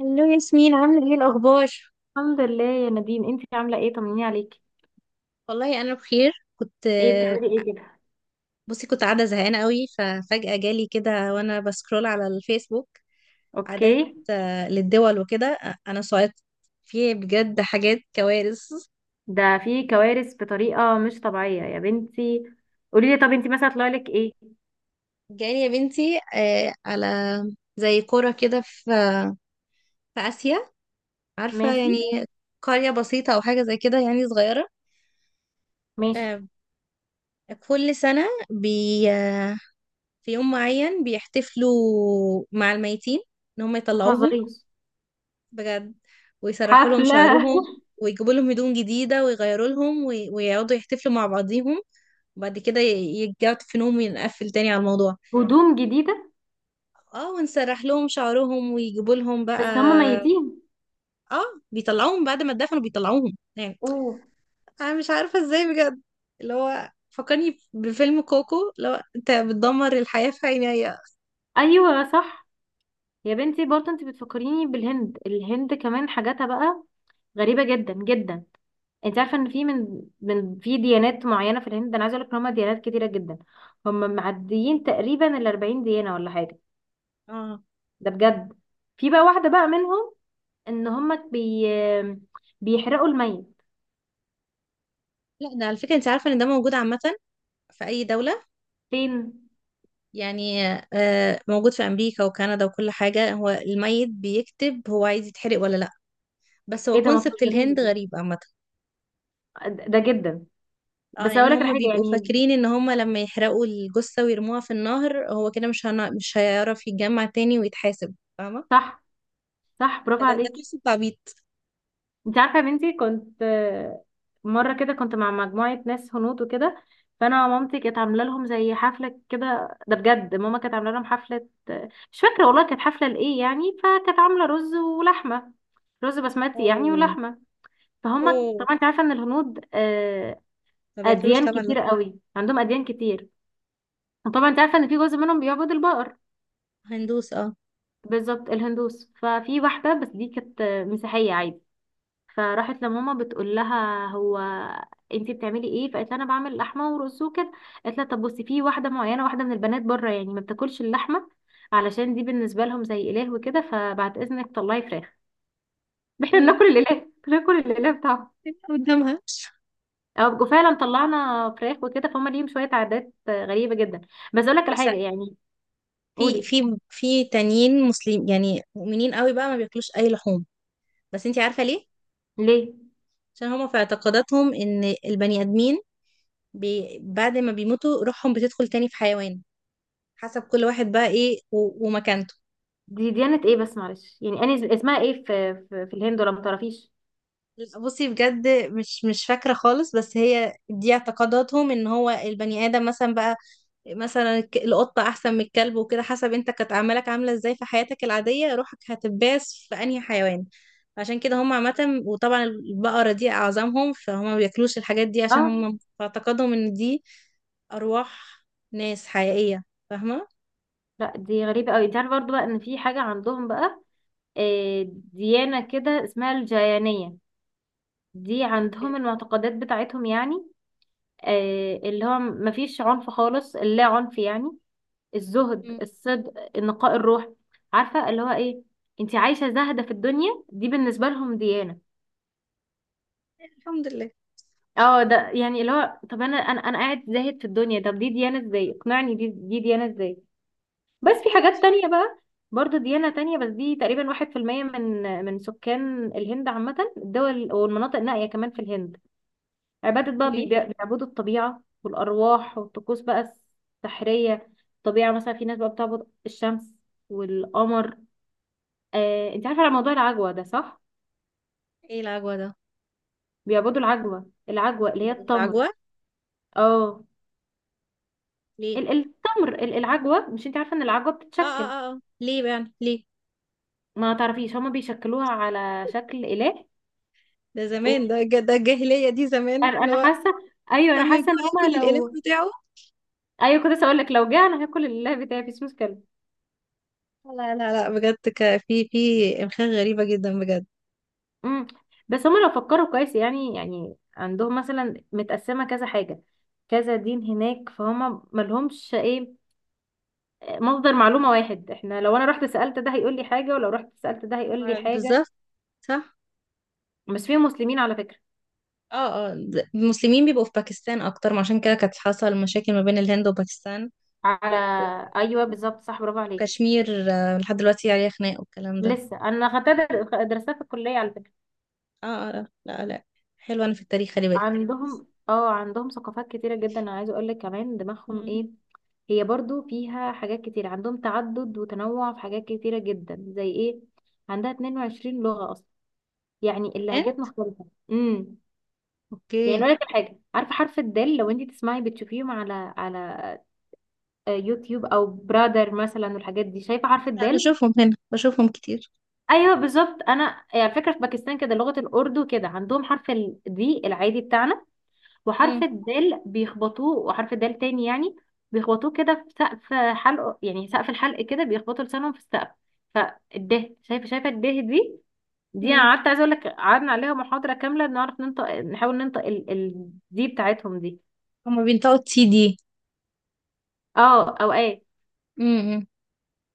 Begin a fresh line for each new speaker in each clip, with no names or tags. هلو ياسمين، عاملة ايه الأخبار؟
الحمد لله يا نادين، انتي عاملة ايه؟ طمنيني عليكي.
والله أنا بخير. كنت
ايه بتعملي ايه كده؟
بصي، كنت قاعدة زهقانة قوي، ففجأة جالي كده وأنا بسكرول على الفيسبوك عادات.
اوكي.
للدول وكده. أنا صايت، في بجد حاجات كوارث.
ده في كوارث بطريقة مش طبيعية يا بنتي. قولي لي، طب انتي مثلا طلع لك ايه؟
جالي يا بنتي، على زي قرى كده في في آسيا، عارفة
ماشي.
يعني؟ قرية بسيطة أو حاجة زي كده يعني، صغيرة.
ماشي.
آه، كل سنة بي آه، في يوم معين بيحتفلوا مع الميتين، إن هم
ما
يطلعوهم.
تهزريش.
بجد. ويسرحوا لهم
حفلة.
شعرهم، ويجيبوا لهم هدوم جديدة، ويغيروا لهم، ويقعدوا يحتفلوا مع بعضيهم، وبعد كده يرجعوا تفنهم، ونقفل تاني على الموضوع.
هدوم جديدة؟
اه، ونسرح لهم شعرهم ويجيبوا لهم بقى.
بس هم ميتين.
اه. بيطلعوهم بعد ما اتدفنوا، بيطلعوهم يعني.
اوه.
انا مش عارفة ازاي بجد. اللي هو فكرني بفيلم كوكو، اللي هو انت بتدمر الحياة في عينيا.
ايوه صح. يا بنتي برضه انتي بتفكريني بالهند، الهند كمان حاجاتها بقى غريبة جدا جدا. انت عارفه ان في من في ديانات معينه في الهند. انا عايزه اقول لك ان هم ديانات كتيره جدا. هم معديين تقريبا ال 40 ديانه ولا حاجه.
اه.
ده بجد. في بقى واحده بقى منهم ان هم بيحرقوا الميت.
لا ده على فكرة، انت عارفة ان ده موجود عامة في اي دولة،
فين؟
يعني موجود في أمريكا وكندا وكل حاجة. هو الميت بيكتب هو عايز يتحرق ولا لأ. بس هو
ايه ده، ما
كونسبت
تهزريش
الهند
دي.
غريب عامة.
ده جدا.
اه،
بس
لأن
اقول لك
هم
حاجه
بيبقوا
يعني.
فاكرين إن هم لما يحرقوا الجثة ويرموها في النهر، هو كده مش هيعرف يتجمع تاني ويتحاسب، فاهمة؟
صح. صح، برافو
فده
عليك.
كونسبت عبيط.
انت عارفه يا بنتي، كنت مره كده كنت مع مجموعه ناس هنود وكده. فانا مامتي كانت عامله لهم زي حفله كده، ده بجد. ماما كانت عامله لهم حفله، مش فاكره والله كانت حفله لايه يعني. فكانت عامله رز ولحمه، رز بسمتي يعني
اوه.
ولحمه. فهم،
اوه.
طبعا انت عارفه ان الهنود،
ما بياكلوش
اديان
طبعا، لا.
كتير قوي عندهم، اديان كتير. وطبعا انت عارفه ان في جزء منهم بيعبد البقر.
هندوس، اه.
بالظبط، الهندوس. ففي واحده بس دي كانت مسيحيه عادي. فراحت لماما بتقول لها: هو انتي بتعملي ايه؟ فقالت لها: انا بعمل لحمه ورز وكده. قالت لها: طب بصي، في واحده معينه، واحده من البنات بره يعني ما بتاكلش اللحمه، علشان دي بالنسبه لهم زي اله وكده، فبعد اذنك طلعي فراخ. احنا
مم.
بناكل الاله، بناكل الاله بتاعهم.
تبقى قدامها.
او فعلا طلعنا فراخ وكده. فهم ليهم شويه عادات غريبه جدا. بس اقول لك على
بس
حاجه يعني.
في
قولي.
في تانيين مسلم، يعني مؤمنين قوي بقى، ما بياكلوش اي لحوم. بس انتي عارفه ليه؟
ليه؟
عشان هما في اعتقاداتهم ان البني ادمين بعد ما بيموتوا روحهم بتدخل تاني في حيوان، حسب كل واحد بقى ايه ومكانته.
دي ديانه ايه بس معلش يعني، انا اسمها ايه في الهند، ولا ما تعرفيش؟
بصي بجد، مش فاكرة خالص، بس هي دي اعتقاداتهم، ان هو البني ادم مثلا بقى، مثلا القطة احسن من الكلب وكده، حسب انت كانت اعمالك عاملة ازاي في حياتك العادية، روحك هتباس في انهي حيوان. عشان كده هم عامة، وطبعا البقرة دي أعظمهم، فهم ما بياكلوش الحاجات دي، عشان
اه.
هم في اعتقادهم إن دي أرواح ناس حقيقية، فاهمة؟
لا دي غريبه قوي. انت عارفه برضو بقى ان في حاجه عندهم بقى، ديانة كده اسمها الجاينية. دي عندهم
اوكي.
المعتقدات بتاعتهم يعني، اللي هو مفيش عنف خالص، اللا عنف يعني. الزهد،
مم.
الصدق، نقاء الروح. عارفة اللي هو ايه؟ انت عايشة زاهدة في الدنيا، دي بالنسبة لهم ديانة.
الحمد لله.
اه، ده يعني اللي هو، طب انا قاعد زاهد في الدنيا، طب دي ديانة ازاي؟ اقنعني، دي ديانة ازاي؟ بس
يعني
في
كل واحد
حاجات
حر.
تانية بقى. برضه ديانة تانية، بس دي تقريبا واحد في المية من سكان الهند عامة. الدول والمناطق النائية كمان في الهند، عبادة بقى
اوكي.
بيعبدوا الطبيعة والأرواح والطقوس بقى السحرية. الطبيعة مثلا، في ناس بقى بتعبد الشمس والقمر. انت عارفة على موضوع العجوة ده صح؟
ايه العجوة ده؟
بيعبدوا العجوة، العجوة اللي هي
جابوا
التمر.
العجوة
اه.
ليه؟
التمر، العجوة، مش انت عارفة ان العجوة
اه
بتتشكل؟
اه اه. ليه بقى يعني، ليه؟
ما تعرفيش، هما بيشكلوها على شكل إله.
ده
و-
زمان، ده الجاهلية دي، زمان
انا
اللي
أنا
هو
حاسة. ايوه انا
اما
حاسة ان
يجوع ياكل
هما
الإله
لو.
بتاعه.
ايوه كنت لسه اقول لك لو جه، انا هاكل الإله بتاعي مفيش مشكلة.
لا لا لا، بجد، في إمخاء غريبة جدا بجد.
امم. بس هما لو فكروا كويس يعني، يعني عندهم مثلا متقسمة كذا حاجة، كذا دين هناك، فهما ملهمش ايه، مصدر معلومة واحد. احنا لو انا رحت سألت ده هيقول لي حاجة، ولو رحت سألت ده هيقول لي حاجة.
بالظبط، صح.
بس فيهم مسلمين على فكرة.
اه اه، المسلمين بيبقوا في باكستان اكتر، ما عشان كده كانت حصل مشاكل ما بين الهند وباكستان
على. ايوه
و-
بالظبط، صح، برافو عليكي.
وكشمير، لحد دلوقتي عليها خناق والكلام ده.
لسه انا خدتها درستها في الكلية على فكرة.
اه اه، لا لا لا. حلوة، انا في التاريخ خلي بالك.
عندهم اه عندهم ثقافات كتيرة جدا. انا عايزة اقول لك كمان دماغهم
مم.
ايه. هي برضو فيها حاجات كتير. عندهم تعدد وتنوع في حاجات كتيرة جدا زي ايه؟ عندها 22 لغة اصلا، يعني
كمان.
اللهجات مختلفة. امم. يعني
اوكي.
اقول لك على حاجة، عارفة حرف الدال؟ لو انت تسمعي بتشوفيهم على على يوتيوب او برادر مثلا والحاجات دي، شايفة حرف
انا
الدال؟
بشوفهم هنا، بشوفهم كتير.
ايوه بالظبط. انا يعني على فكرة في باكستان كده، لغة الاردو كده، عندهم حرف الدي العادي بتاعنا، وحرف
مم.
الدال بيخبطوه، وحرف الدال تاني يعني بيخبطوه كده في سقف حلق، يعني سقف الحلق كده، بيخبطوا لسانهم في السقف. فالده، شايفه شايفه الده دي؟ دي انا
مم.
قعدت عايزه اقول لك قعدنا عليها محاضره كامله نعرف ننطق، نحاول ننطق دي بتاعتهم دي.
هما بينطقوا تي دي.
اه، او ايه.
مم.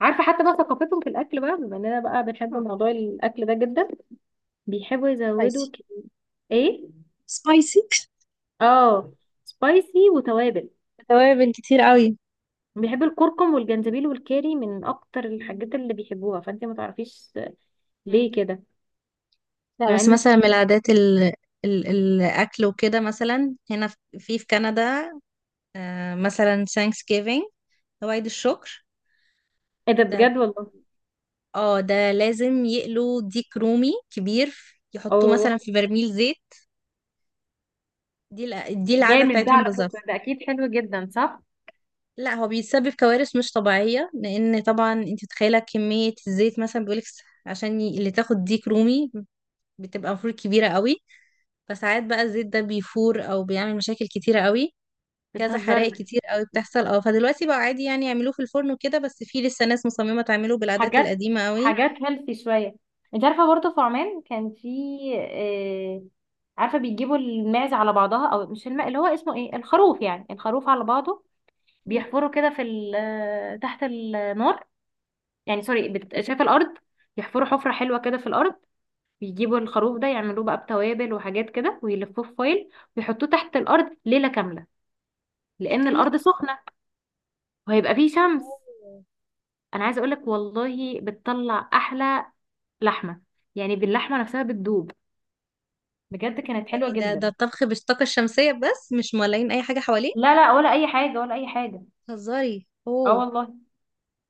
عارفه حتى بقى ثقافتهم في الاكل بقى، بما اننا بقى بنحب موضوع الاكل ده جدا، بيحبوا يزودوا
سبايسي.
ايه؟
سبايسي
اه، سبايسي وتوابل.
توابل كتير قوي.
بيحب الكركم والجنزبيل والكاري من اكتر الحاجات اللي بيحبوها. فانت ما تعرفيش
مم.
ليه كده؟
لا،
مع
بس
ان،
مثلا من العادات الاكل وكده، مثلا هنا في في كندا، آه مثلا ثانكس جيفينج، او عيد الشكر.
ايه ده
ده
بجد
بي...
والله.
اه، ده لازم يقلوا ديك رومي كبير، يحطوه مثلا
اوه.
في برميل زيت. دي العادة
جامد، ده
بتاعتهم
على فكرة
بالظبط.
ده اكيد حلو جدا صح؟
لا، هو بيتسبب كوارث مش طبيعية، لأن طبعا انت متخيلة كمية الزيت. مثلا بيقولك عشان اللي تاخد ديك رومي بتبقى المفروض كبيرة قوي، فساعات بقى الزيت ده بيفور أو بيعمل مشاكل كتيرة قوي. كذا حرائق
بتهزري.
كتير قوي بتحصل، اه. فدلوقتي بقى عادي، يعني يعملوه في الفرن وكده، بس في لسه ناس مصممة تعمله بالعادات
حاجات،
القديمة قوي.
حاجات هيلثي شوية. انت عارفة برضه في عمان كان في آه عارفة بيجيبوا الماعز على بعضها، او مش الماء، اللي هو اسمه ايه، الخروف يعني، الخروف على بعضه. بيحفروا كده في تحت النار، يعني سوري شايفة الارض؟ يحفروا حفرة حلوة كده في الارض، بيجيبوا الخروف ده يعملوه بقى بتوابل وحاجات كده، ويلفوه في فويل، ويحطوه تحت الارض ليله كامله.
ليلة
لان
كاملة.
الارض سخنه وهيبقى فيه شمس.
أوه.
انا عايزه اقولك والله بتطلع احلى لحمه. يعني باللحمه نفسها بتدوب. بجد كانت حلوه
يعني ده
جدا.
الطبخ بالطاقة الشمسية، بس مش مولعين أي حاجة حواليه.
لا لا، ولا اي حاجه، ولا اي حاجه.
هزاري، اوه.
اه والله.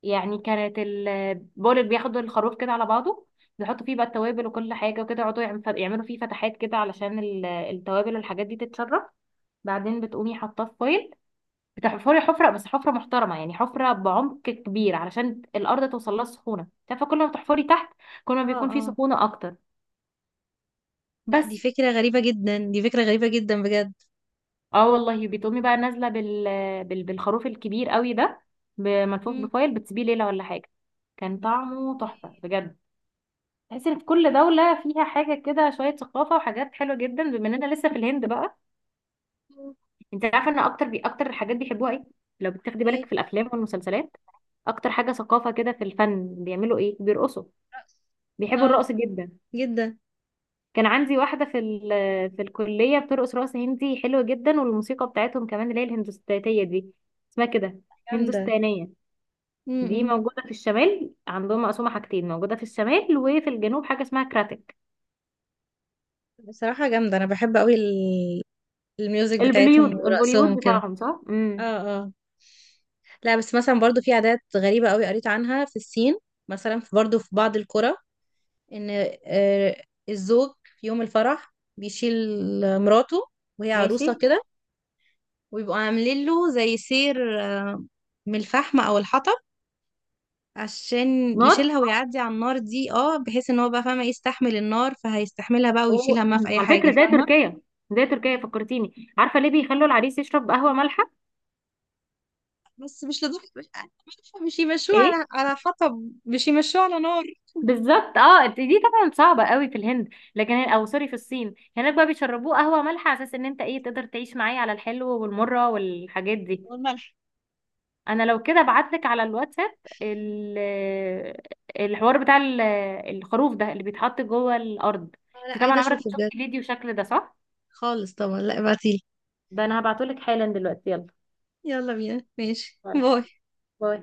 يعني كانت بقول لك بياخدوا الخروف كده على بعضه، بيحطوا فيه بقى التوابل وكل حاجه وكده، يقعدوا يعملوا فيه فتحات كده علشان التوابل والحاجات دي تتشرب. بعدين بتقومي حاطاه في فويل. بتحفري حفرة، بس حفرة محترمة يعني، حفرة بعمق كبير، علشان الأرض توصل لها السخونة. تعرفي كل ما بتحفري تحت، كل ما
اه
بيكون في
اه.
سخونة أكتر.
لا، دي
بس
فكرة غريبة جدا، دي فكرة غريبة جدا بجد.
اه والله، بتقومي بقى نازلة بالخروف الكبير قوي ده، ملفوف بفايل، بتسيبيه ليلة ولا حاجة. كان طعمه تحفة بجد. تحس ان في كل دولة فيها حاجة كده، شوية ثقافة وحاجات حلوة جدا. بما اننا لسه في الهند بقى، انت عارفة ان اكتر اكتر الحاجات بيحبوها ايه؟ لو بتاخدي بالك
ايه.
في الافلام والمسلسلات، اكتر حاجة ثقافة كده في الفن بيعملوا ايه؟ بيرقصوا.
رقص.
بيحبوا
اه.
الرقص جدا.
جدا.
كان عندي واحدة في الكلية بترقص رقص هندي حلو جدا، والموسيقى بتاعتهم كمان اللي هي الهندوستانية دي اسمها كده،
جامدة.
هندوستانية. دي
امم.
موجودة في الشمال. عندهم مقسومة حاجتين، موجودة في الشمال وفي الجنوب حاجة اسمها كراتك.
بصراحة جامدة، أنا بحب أوي الميوزك
البوليود،
بتاعتهم
البوليود
ورقصهم كده.
بتاعهم صح؟
اه.
امم.
اه. لا، بس مثلا برضو في عادات غريبة أوي قريت عنها في الصين، مثلا في برضو في بعض القرى، إن آه، الزوج في يوم الفرح بيشيل مراته، وهي
ماشي.
عروسة كده، ويبقوا عاملين له زي سير، آه، من الفحم أو الحطب، عشان
نار.
يشيلها ويعدي على النار دي، اه، بحيث ان هو بقى فاهمه يستحمل النار، فهيستحملها بقى
و...
ويشيلها، ما في اي
على
حاجه،
فكرة زي
فاهمه؟
تركيا، زي تركيا فكرتيني. عارفة ليه بيخلوا العريس يشرب قهوة مالحة؟
بس مش لدرجه، مش يمشوه
ايه؟
على حطب، مش يمشوه على نار.
بالظبط اه، دي طبعا صعبه قوي في الهند. لكن او سوري، في الصين، هناك بقى بيشربوه قهوه مالحه على اساس ان انت ايه تقدر تعيش معايا على الحلو والمره والحاجات دي.
والملح.
انا لو كده ابعتلك على الواتساب ال- الحوار بتاع الخروف ده اللي بيتحط جوه الارض.
لا،
انت طبعا
عايزه
عمرك ما
اشوفه
شفت
بجد.
فيديو شكل ده صح؟
خالص، طبعا، لا ابعتيلي.
ده انا هبعتهولك حالا دلوقتي يلا.
يلا بينا، ماشي،
يلا
باي.
باي.